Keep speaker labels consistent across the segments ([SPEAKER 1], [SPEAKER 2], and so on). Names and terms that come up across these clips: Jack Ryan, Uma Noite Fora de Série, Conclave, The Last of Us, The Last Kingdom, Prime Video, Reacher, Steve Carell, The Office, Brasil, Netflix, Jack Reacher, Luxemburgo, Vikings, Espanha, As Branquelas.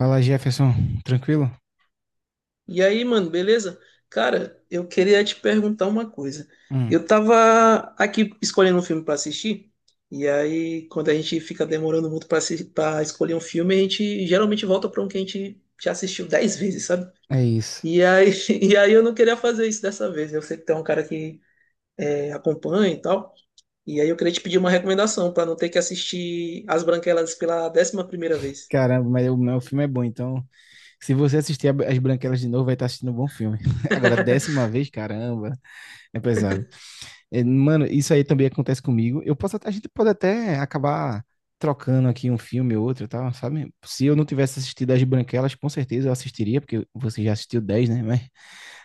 [SPEAKER 1] Fala, Jefferson. Tranquilo?
[SPEAKER 2] E aí, mano, beleza? Cara, eu queria te perguntar uma coisa.
[SPEAKER 1] Hum.
[SPEAKER 2] Eu tava aqui escolhendo um filme pra assistir, e aí quando a gente fica demorando muito pra pra escolher um filme, a gente geralmente volta pra um que a gente já assistiu 10 vezes, sabe?
[SPEAKER 1] É isso.
[SPEAKER 2] E aí, e aí eu não queria fazer isso dessa vez. Eu sei que tem um cara que é, acompanha e tal, e aí eu queria te pedir uma recomendação pra não ter que assistir As Branquelas pela 11ª vez.
[SPEAKER 1] Caramba, mas o meu filme é bom, então. Se você assistir As Branquelas de novo, vai estar assistindo um bom filme. Agora, 10ª vez, caramba, é pesado. É, mano, isso aí também acontece comigo. A gente pode até acabar trocando aqui um filme ou outro, e tal, sabe? Se eu não tivesse assistido As Branquelas, com certeza eu assistiria, porque você já assistiu 10, né?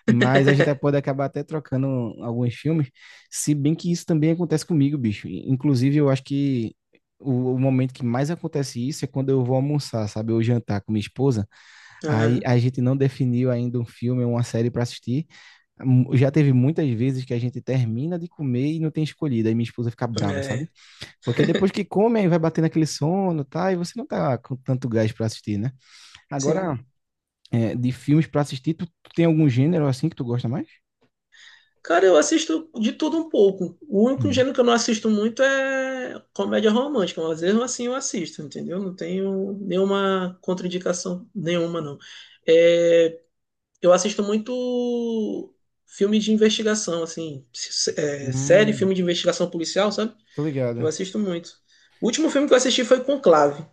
[SPEAKER 1] Mas a gente pode acabar até trocando alguns filmes, se bem que isso também acontece comigo, bicho. Inclusive, eu acho que o momento que mais acontece isso é quando eu vou almoçar, sabe? Ou jantar com minha esposa. Aí
[SPEAKER 2] Aham,
[SPEAKER 1] a gente não definiu ainda um filme ou uma série para assistir. Já teve muitas vezes que a gente termina de comer e não tem escolhido. Aí minha esposa fica brava, sabe?
[SPEAKER 2] é,
[SPEAKER 1] Porque depois que come, aí vai batendo aquele sono, tá? E você não tá com tanto gás para assistir, né?
[SPEAKER 2] sim.
[SPEAKER 1] Agora, de filmes para assistir, tu tem algum gênero assim que tu gosta mais?
[SPEAKER 2] Cara, eu assisto de tudo um pouco. O único
[SPEAKER 1] Hum.
[SPEAKER 2] gênero que eu não assisto muito é comédia romântica, mas mesmo assim eu assisto, entendeu? Não tenho nenhuma contraindicação nenhuma, não. É, eu assisto muito filme de investigação, assim, série,
[SPEAKER 1] Hum,
[SPEAKER 2] filme de investigação policial, sabe?
[SPEAKER 1] tô ligado.
[SPEAKER 2] Eu assisto muito. O último filme que eu assisti foi Conclave.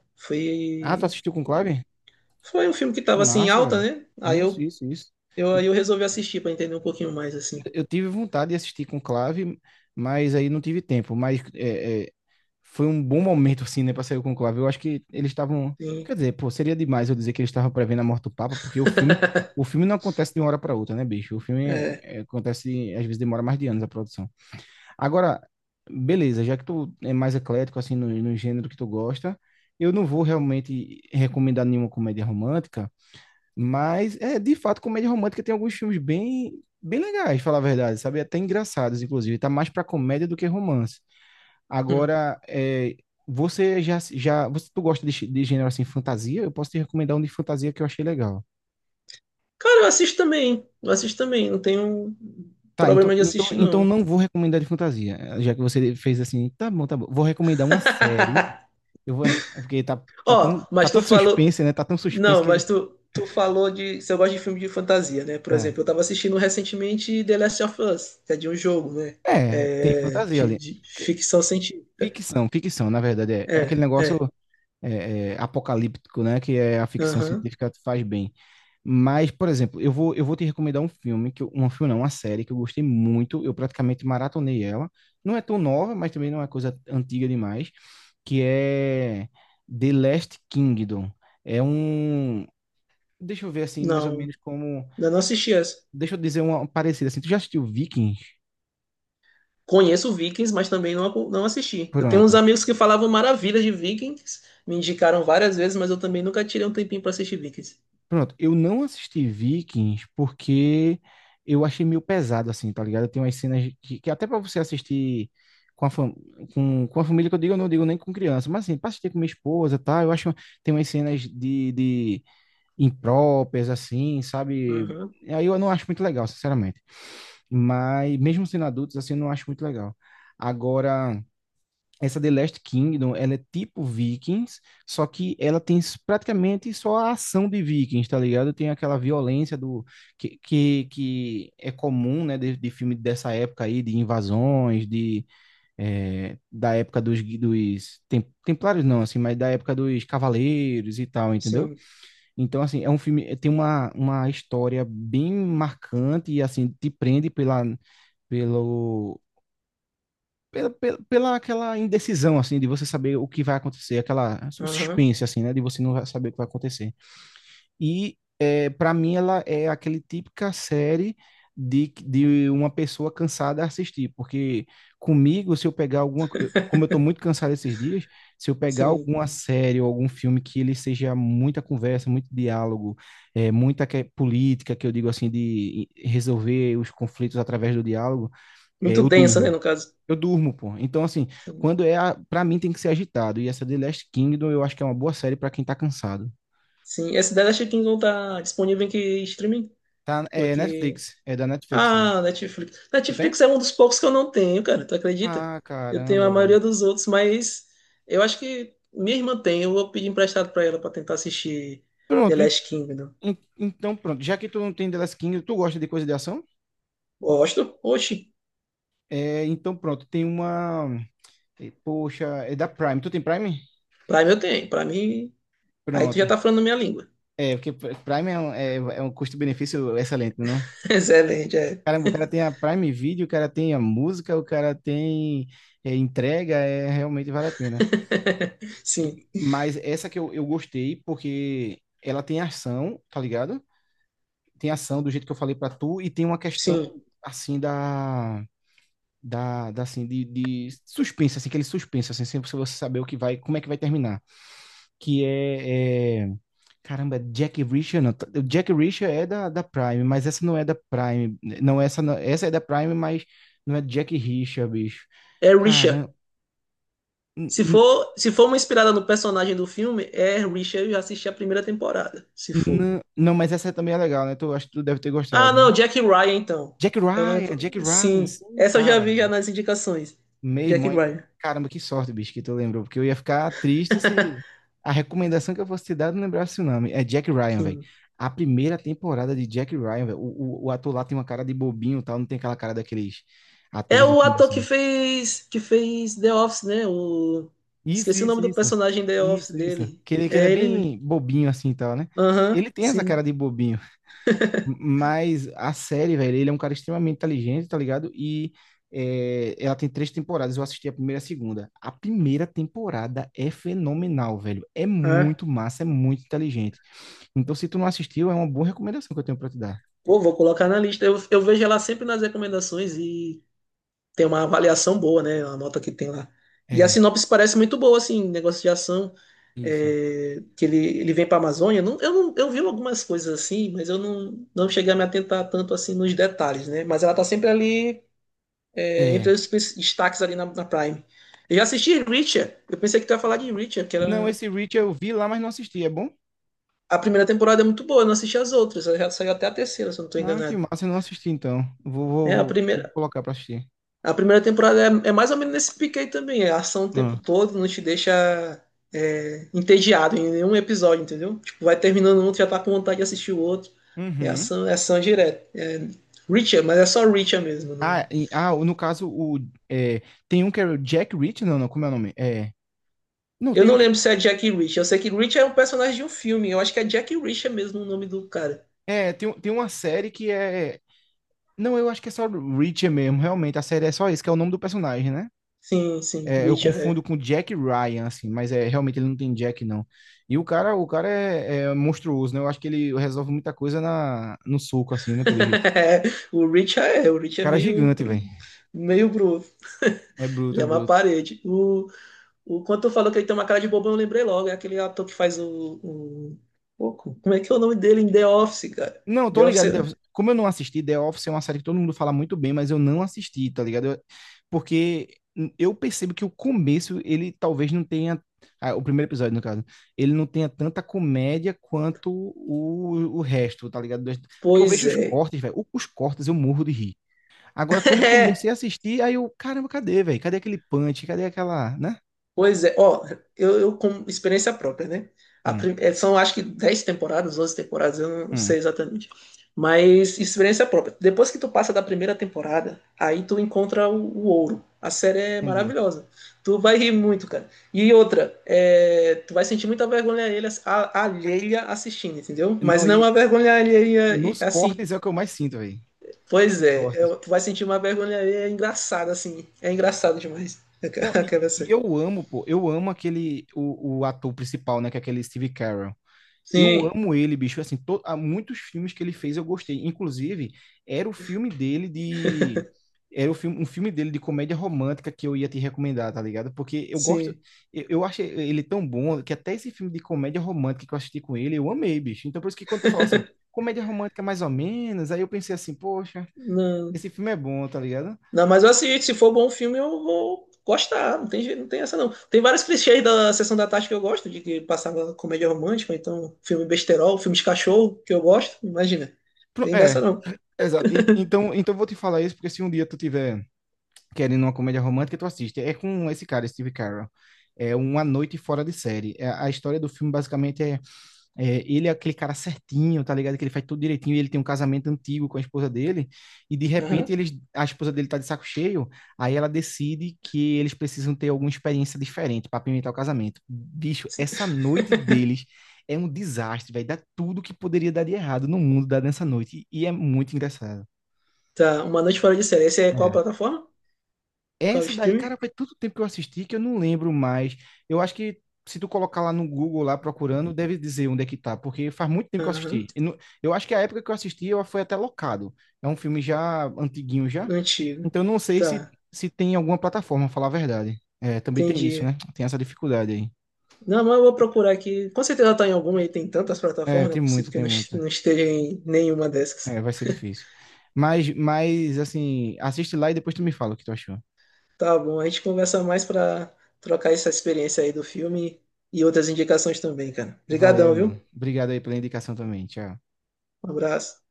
[SPEAKER 1] Ah, tu
[SPEAKER 2] Foi,
[SPEAKER 1] assistiu com clave?
[SPEAKER 2] foi um filme que
[SPEAKER 1] Que
[SPEAKER 2] tava assim em
[SPEAKER 1] massa,
[SPEAKER 2] alta,
[SPEAKER 1] velho.
[SPEAKER 2] né? Aí
[SPEAKER 1] Isso,
[SPEAKER 2] eu,
[SPEAKER 1] isso, isso.
[SPEAKER 2] eu,
[SPEAKER 1] Eu,
[SPEAKER 2] aí eu resolvi assistir pra entender um pouquinho mais, assim.
[SPEAKER 1] eu tive vontade de assistir com clave, mas aí não tive tempo. Mas é, foi um bom momento, assim, né, pra sair com clave. Eu acho que eles estavam.
[SPEAKER 2] Sim,
[SPEAKER 1] Quer dizer, pô, seria demais eu dizer que eles estavam prevendo a morte do Papa, porque o filme não acontece de uma hora pra outra, né, bicho? O filme
[SPEAKER 2] é.
[SPEAKER 1] acontece, às vezes demora mais de anos a produção. Agora, beleza, já que tu é mais eclético assim no gênero que tu gosta, eu não vou realmente recomendar nenhuma comédia romântica, mas é de fato comédia romântica tem alguns filmes bem bem legais, falar a verdade, sabe? É, até engraçados, inclusive, tá mais pra comédia do que romance.
[SPEAKER 2] Hum.
[SPEAKER 1] Agora, você já já você tu gosta de, de gênero assim fantasia? Eu posso te recomendar um de fantasia que eu achei legal.
[SPEAKER 2] Cara, eu assisto também. Eu assisto também. Não tenho
[SPEAKER 1] Tá,
[SPEAKER 2] problema de assistir,
[SPEAKER 1] então
[SPEAKER 2] não.
[SPEAKER 1] não vou recomendar de fantasia, já que você fez assim, tá bom, tá bom. Vou recomendar uma série. É porque
[SPEAKER 2] Ó,
[SPEAKER 1] tá
[SPEAKER 2] mas tu
[SPEAKER 1] tanto
[SPEAKER 2] falou.
[SPEAKER 1] suspense, né? Tá tão suspense
[SPEAKER 2] Não,
[SPEAKER 1] que.
[SPEAKER 2] mas tu falou de. Se eu gosto de filme de fantasia, né? Por
[SPEAKER 1] É,
[SPEAKER 2] exemplo, eu tava assistindo recentemente The Last of Us, que é de um jogo, né?
[SPEAKER 1] é, tem
[SPEAKER 2] É,
[SPEAKER 1] fantasia
[SPEAKER 2] de,
[SPEAKER 1] ali.
[SPEAKER 2] de
[SPEAKER 1] Que-
[SPEAKER 2] ficção científica.
[SPEAKER 1] Ficção, ficção, na verdade. É, aquele
[SPEAKER 2] É,
[SPEAKER 1] negócio
[SPEAKER 2] é.
[SPEAKER 1] apocalíptico, né? Que é a ficção
[SPEAKER 2] Aham.
[SPEAKER 1] científica faz bem. Mas, por exemplo, eu vou te recomendar um filme, que eu, um filme não, uma série que eu gostei muito. Eu praticamente maratonei ela. Não é tão nova, mas também não é coisa antiga demais. Que é The Last Kingdom. É um. Deixa eu ver assim, mais ou
[SPEAKER 2] Não,
[SPEAKER 1] menos como.
[SPEAKER 2] ainda não assisti essa.
[SPEAKER 1] Deixa eu dizer uma parecida assim. Tu já assistiu Vikings?
[SPEAKER 2] Conheço Vikings, mas também não, não assisti. Eu tenho uns
[SPEAKER 1] Pronto.
[SPEAKER 2] amigos que falavam maravilhas de Vikings, me indicaram várias vezes, mas eu também nunca tirei um tempinho pra assistir Vikings.
[SPEAKER 1] Pronto. Eu não assisti Vikings porque eu achei meio pesado, assim, tá ligado? Tem umas cenas que até pra você assistir com a, fam com a família, que eu digo, eu não digo nem com criança, mas assim, pra assistir com minha esposa, tá? Eu acho tem umas cenas de impróprias, assim, sabe? Aí eu não acho muito legal, sinceramente. Mas mesmo sendo adultos, assim, eu não acho muito legal. Agora. Essa The Last Kingdom, ela é tipo Vikings, só que ela tem praticamente só a ação de Vikings, tá ligado? Tem aquela violência do que é comum, né, de filme dessa época aí, de invasões, de da época dos Templários não, assim, mas da época dos Cavaleiros e tal, entendeu?
[SPEAKER 2] Sim.
[SPEAKER 1] Então, assim, é um filme, tem uma história bem marcante e, assim, te prende pela, pelo, pela, pela, pela aquela indecisão, assim, de você saber o que vai acontecer, aquela o
[SPEAKER 2] Aham.
[SPEAKER 1] suspense, assim, né, de você não saber o que vai acontecer. E, para mim, ela é aquele típica série de uma pessoa cansada a assistir, porque comigo, se eu pegar alguma, como eu estou muito cansado esses dias, se eu pegar
[SPEAKER 2] Sim.
[SPEAKER 1] alguma série ou algum filme que ele seja muita conversa, muito diálogo, muita política, que eu digo assim, de resolver os conflitos através do diálogo,
[SPEAKER 2] Muito
[SPEAKER 1] eu
[SPEAKER 2] densa, né,
[SPEAKER 1] durmo.
[SPEAKER 2] no caso.
[SPEAKER 1] Eu durmo, pô. Então, assim,
[SPEAKER 2] Sim.
[SPEAKER 1] quando é. A... Pra mim tem que ser agitado. E essa The Last Kingdom eu acho que é uma boa série pra quem tá cansado.
[SPEAKER 2] Sim. Essa da Last Kingdom tá disponível em que streaming?
[SPEAKER 1] Tá, é
[SPEAKER 2] Porque.
[SPEAKER 1] Netflix. É da Netflix, né?
[SPEAKER 2] Ah, Netflix.
[SPEAKER 1] Tu tem?
[SPEAKER 2] Netflix é um dos poucos que eu não tenho, cara. Tu acredita?
[SPEAKER 1] Ah,
[SPEAKER 2] Eu tenho a
[SPEAKER 1] caramba, velho.
[SPEAKER 2] maioria dos outros, mas eu acho que minha irmã tem. Eu vou pedir emprestado pra ela pra tentar assistir The
[SPEAKER 1] Pronto.
[SPEAKER 2] Last Kingdom.
[SPEAKER 1] Então, pronto. Já que tu não tem The Last Kingdom, tu gosta de coisa de ação?
[SPEAKER 2] Gosto? Oxi.
[SPEAKER 1] É, então, pronto. Tem uma. Poxa, é da Prime. Tu tem Prime?
[SPEAKER 2] Pra mim eu tenho. Pra mim. Aí tu já
[SPEAKER 1] Pronto.
[SPEAKER 2] tá falando minha língua.
[SPEAKER 1] É, porque Prime é um custo-benefício excelente, não?
[SPEAKER 2] Excelente, é.
[SPEAKER 1] Caramba, o cara tem a Prime Video, o cara tem a música, o cara tem entrega, realmente vale a pena.
[SPEAKER 2] Sim.
[SPEAKER 1] Mas essa que eu gostei, porque ela tem ação, tá ligado? Tem ação do jeito que eu falei pra tu, e tem uma questão,
[SPEAKER 2] Sim.
[SPEAKER 1] assim, da... Da assim, de suspense, assim, aquele suspense, assim, sem você saber o que vai, como é que vai terminar. Que é... é... Caramba, é Jack Reacher não. O Jack Reacher é da Prime, mas essa não é da Prime. Não, essa essa é da Prime, mas não é Jack Reacher, bicho.
[SPEAKER 2] É Richard.
[SPEAKER 1] Cara, n-
[SPEAKER 2] Se
[SPEAKER 1] n-
[SPEAKER 2] for, se for uma inspirada no personagem do filme, é Richard, eu já assisti a primeira temporada, se for.
[SPEAKER 1] não, mas essa também é legal, né? Tu, acho que tu deve ter
[SPEAKER 2] Ah,
[SPEAKER 1] gostado.
[SPEAKER 2] não, Jack Ryan, então.
[SPEAKER 1] Jack
[SPEAKER 2] Eu não...
[SPEAKER 1] Ryan, Jack Ryan,
[SPEAKER 2] Sim,
[SPEAKER 1] sim,
[SPEAKER 2] essa eu já
[SPEAKER 1] cara,
[SPEAKER 2] vi já
[SPEAKER 1] velho.
[SPEAKER 2] nas indicações.
[SPEAKER 1] Meu
[SPEAKER 2] Jack
[SPEAKER 1] irmão,
[SPEAKER 2] Ryan,
[SPEAKER 1] caramba, que sorte, bicho, que tu lembrou, porque eu ia ficar triste se a recomendação que eu fosse te dar eu não lembrasse o nome. É Jack Ryan, velho.
[SPEAKER 2] sim.
[SPEAKER 1] A primeira temporada de Jack Ryan, velho. O ator lá tem uma cara de bobinho e tal, não tem aquela cara daqueles
[SPEAKER 2] É
[SPEAKER 1] atores de
[SPEAKER 2] o
[SPEAKER 1] filme de
[SPEAKER 2] ator que
[SPEAKER 1] ação.
[SPEAKER 2] fez, que fez The Office, né? O...
[SPEAKER 1] Isso,
[SPEAKER 2] Esqueci o nome
[SPEAKER 1] isso,
[SPEAKER 2] do
[SPEAKER 1] isso.
[SPEAKER 2] personagem The Office
[SPEAKER 1] Isso, isso.
[SPEAKER 2] dele.
[SPEAKER 1] Que ele é
[SPEAKER 2] É ele mesmo.
[SPEAKER 1] bem bobinho assim e tal, né?
[SPEAKER 2] Aham,
[SPEAKER 1] Ele tem essa cara
[SPEAKER 2] sim.
[SPEAKER 1] de bobinho. Mas a série, velho, ele é um cara extremamente inteligente, tá ligado? E ela tem três temporadas. Eu assisti a primeira e a segunda. A primeira temporada é fenomenal, velho. É
[SPEAKER 2] Ah,
[SPEAKER 1] muito massa, é muito inteligente. Então, se tu não assistiu, é uma boa recomendação que eu tenho pra te dar.
[SPEAKER 2] pô, vou colocar na lista. Eu vejo ela sempre nas recomendações e tem uma avaliação boa, né? A nota que tem lá. E a
[SPEAKER 1] É,
[SPEAKER 2] sinopse parece muito boa, assim, negócio de ação,
[SPEAKER 1] isso.
[SPEAKER 2] que ele vem para a Amazônia. Não, eu, não, eu vi algumas coisas assim, mas eu não, não cheguei a me atentar tanto assim nos detalhes, né? Mas ela tá sempre ali, entre
[SPEAKER 1] É.
[SPEAKER 2] os destaques ali na Prime. Eu já assisti Richard, eu pensei que tu ia falar de Richard, que
[SPEAKER 1] Não,
[SPEAKER 2] era...
[SPEAKER 1] esse Reach eu vi lá, mas não assisti. É bom?
[SPEAKER 2] A primeira temporada é muito boa, eu não assisti as outras, ela já saiu até a terceira, se eu não tô
[SPEAKER 1] Ah, que
[SPEAKER 2] enganado.
[SPEAKER 1] massa, eu não assisti então. Vou, vou,
[SPEAKER 2] É,
[SPEAKER 1] vou, vou colocar pra assistir.
[SPEAKER 2] A primeira temporada é mais ou menos nesse pique aí também. É ação o tempo
[SPEAKER 1] Ah.
[SPEAKER 2] todo, não te deixa entediado em nenhum episódio, entendeu? Tipo, vai terminando um, tu já tá com vontade de assistir o outro.
[SPEAKER 1] Uhum.
[SPEAKER 2] É ação direta. É Reacher, mas é só Reacher mesmo.
[SPEAKER 1] Ah,
[SPEAKER 2] não-
[SPEAKER 1] no caso, é, tem um que é o Jack Reach, não, não, como é o nome? É. Não,
[SPEAKER 2] Eu
[SPEAKER 1] tem
[SPEAKER 2] não
[SPEAKER 1] um.
[SPEAKER 2] lembro se é Jack Reacher. Eu sei que Reacher é um personagem de um filme. Eu acho que é Jack Reacher mesmo o nome do cara.
[SPEAKER 1] É, tem uma série que é. Não, eu acho que é só Reacher mesmo, realmente. A série é só isso, que é o nome do personagem, né?
[SPEAKER 2] Sim, sim,
[SPEAKER 1] É, eu
[SPEAKER 2] Reacher
[SPEAKER 1] confundo com Jack Ryan, assim, mas é realmente ele não tem Jack, não. E o cara é monstruoso, né? Eu acho que ele resolve muita coisa no soco, assim,
[SPEAKER 2] é.
[SPEAKER 1] né? Pelo jeito.
[SPEAKER 2] O Reacher é, o
[SPEAKER 1] O
[SPEAKER 2] Reacher é
[SPEAKER 1] cara é
[SPEAKER 2] meio,
[SPEAKER 1] gigante,
[SPEAKER 2] bru-
[SPEAKER 1] velho.
[SPEAKER 2] meio bruto.
[SPEAKER 1] É bruto,
[SPEAKER 2] Ele
[SPEAKER 1] é
[SPEAKER 2] é uma
[SPEAKER 1] bruto.
[SPEAKER 2] parede. Quando tu falou que ele tem uma cara de bobão, eu lembrei logo. É aquele ator que faz Como é que é o nome dele em The Office, cara?
[SPEAKER 1] Não, tô
[SPEAKER 2] The Office.
[SPEAKER 1] ligado. Como eu não assisti, The Office é uma série que todo mundo fala muito bem, mas eu não assisti, tá ligado? Porque eu percebo que o começo, ele talvez não tenha. O primeiro episódio, no caso, ele não tenha tanta comédia quanto o resto, tá ligado? Porque eu
[SPEAKER 2] Pois
[SPEAKER 1] vejo os
[SPEAKER 2] é.
[SPEAKER 1] cortes, velho. Os cortes eu morro de rir. Agora, quando eu comecei a assistir, aí eu, caramba, cadê, velho? Cadê aquele punch? Cadê aquela, né?
[SPEAKER 2] Pois é, ó, eu com experiência própria, né? A
[SPEAKER 1] Hum,
[SPEAKER 2] prim- eh, são acho que 10 temporadas, 11 temporadas, eu não
[SPEAKER 1] hum,
[SPEAKER 2] sei exatamente. Mas experiência própria. Depois que tu passa da primeira temporada, aí tu encontra o ouro. A série é
[SPEAKER 1] entendi.
[SPEAKER 2] maravilhosa. Tu vai rir muito, cara. E outra, tu vai sentir muita vergonha alheia, alheia assistindo, entendeu? Mas
[SPEAKER 1] Não,
[SPEAKER 2] não
[SPEAKER 1] e
[SPEAKER 2] a vergonha alheia
[SPEAKER 1] nos
[SPEAKER 2] assim.
[SPEAKER 1] cortes é o que eu mais sinto, velho.
[SPEAKER 2] Pois
[SPEAKER 1] Nos
[SPEAKER 2] é,
[SPEAKER 1] cortes.
[SPEAKER 2] tu vai sentir uma vergonha alheia engraçada, assim. É engraçada demais.
[SPEAKER 1] Não, e,
[SPEAKER 2] Aquela
[SPEAKER 1] e
[SPEAKER 2] série.
[SPEAKER 1] eu amo, pô, eu amo aquele, o ator principal, né, que é aquele Steve Carell. Eu
[SPEAKER 2] Sim,
[SPEAKER 1] amo ele, bicho, assim, há muitos filmes que ele fez eu gostei. Inclusive, era o filme dele de... Era o filme, um filme dele de comédia romântica que eu ia te recomendar, tá ligado? Porque eu gosto,
[SPEAKER 2] sim.
[SPEAKER 1] eu acho ele tão bom que até esse filme de comédia romântica que eu assisti com ele, eu amei, bicho. Então, por isso que quando tu fala assim, comédia romântica mais ou menos, aí eu pensei assim, poxa,
[SPEAKER 2] Não.
[SPEAKER 1] esse filme é bom, tá ligado?
[SPEAKER 2] Não, mas eu assisto. Se for bom filme, eu vou gostar. Não tem essa, não. Tem vários clichês da Sessão da Tarde que eu gosto, de que passava comédia romântica, ou então filme besterol, filme de cachorro, que eu gosto. Imagina. Tem dessa,
[SPEAKER 1] É,
[SPEAKER 2] não.
[SPEAKER 1] exato. Então eu vou te falar isso porque se um dia tu tiver querendo uma comédia romântica, tu assiste. É com esse cara, Steve Carell. É Uma Noite Fora de Série. É, a história do filme basicamente ele é aquele cara certinho, tá ligado? Que ele faz tudo direitinho, e ele tem um casamento antigo com a esposa dele, e de
[SPEAKER 2] Aham.
[SPEAKER 1] repente eles, a esposa dele tá de saco cheio. Aí ela decide que eles precisam ter alguma experiência diferente para apimentar o casamento. Bicho, essa noite deles é um desastre, velho. Dá tudo que poderia dar de errado no mundo dá nessa noite e é muito engraçado.
[SPEAKER 2] Tá, Uma Noite Fora de Série. Esse é qual plataforma? Qual
[SPEAKER 1] Essa daí,
[SPEAKER 2] streaming?
[SPEAKER 1] cara, faz tanto tempo que eu assisti que eu não lembro mais. Eu acho que se tu colocar lá no Google, lá procurando, deve dizer onde é que tá, porque faz muito tempo que eu
[SPEAKER 2] Aham.
[SPEAKER 1] assisti. Eu acho que a época que eu assisti, eu foi até locado. É um filme já antiguinho já.
[SPEAKER 2] Antigo.
[SPEAKER 1] Então eu não sei se,
[SPEAKER 2] Tá,
[SPEAKER 1] se tem alguma plataforma, falar a verdade. É, também tem isso,
[SPEAKER 2] entendi.
[SPEAKER 1] né? Tem essa dificuldade aí.
[SPEAKER 2] Não, mas eu vou procurar aqui. Com certeza tá em alguma aí. Tem tantas
[SPEAKER 1] É,
[SPEAKER 2] plataformas, não
[SPEAKER 1] tem
[SPEAKER 2] é possível
[SPEAKER 1] muita,
[SPEAKER 2] que
[SPEAKER 1] tem
[SPEAKER 2] não est-
[SPEAKER 1] muita.
[SPEAKER 2] não esteja em nenhuma
[SPEAKER 1] É,
[SPEAKER 2] dessas.
[SPEAKER 1] vai ser difícil. Mas, assim, assiste lá e depois tu me fala o que tu achou.
[SPEAKER 2] Tá bom, a gente conversa mais pra trocar essa experiência aí do filme e outras indicações também, cara.
[SPEAKER 1] Valeu,
[SPEAKER 2] Obrigadão,
[SPEAKER 1] mano.
[SPEAKER 2] viu?
[SPEAKER 1] Obrigado aí pela indicação também. Tchau.
[SPEAKER 2] Um abraço.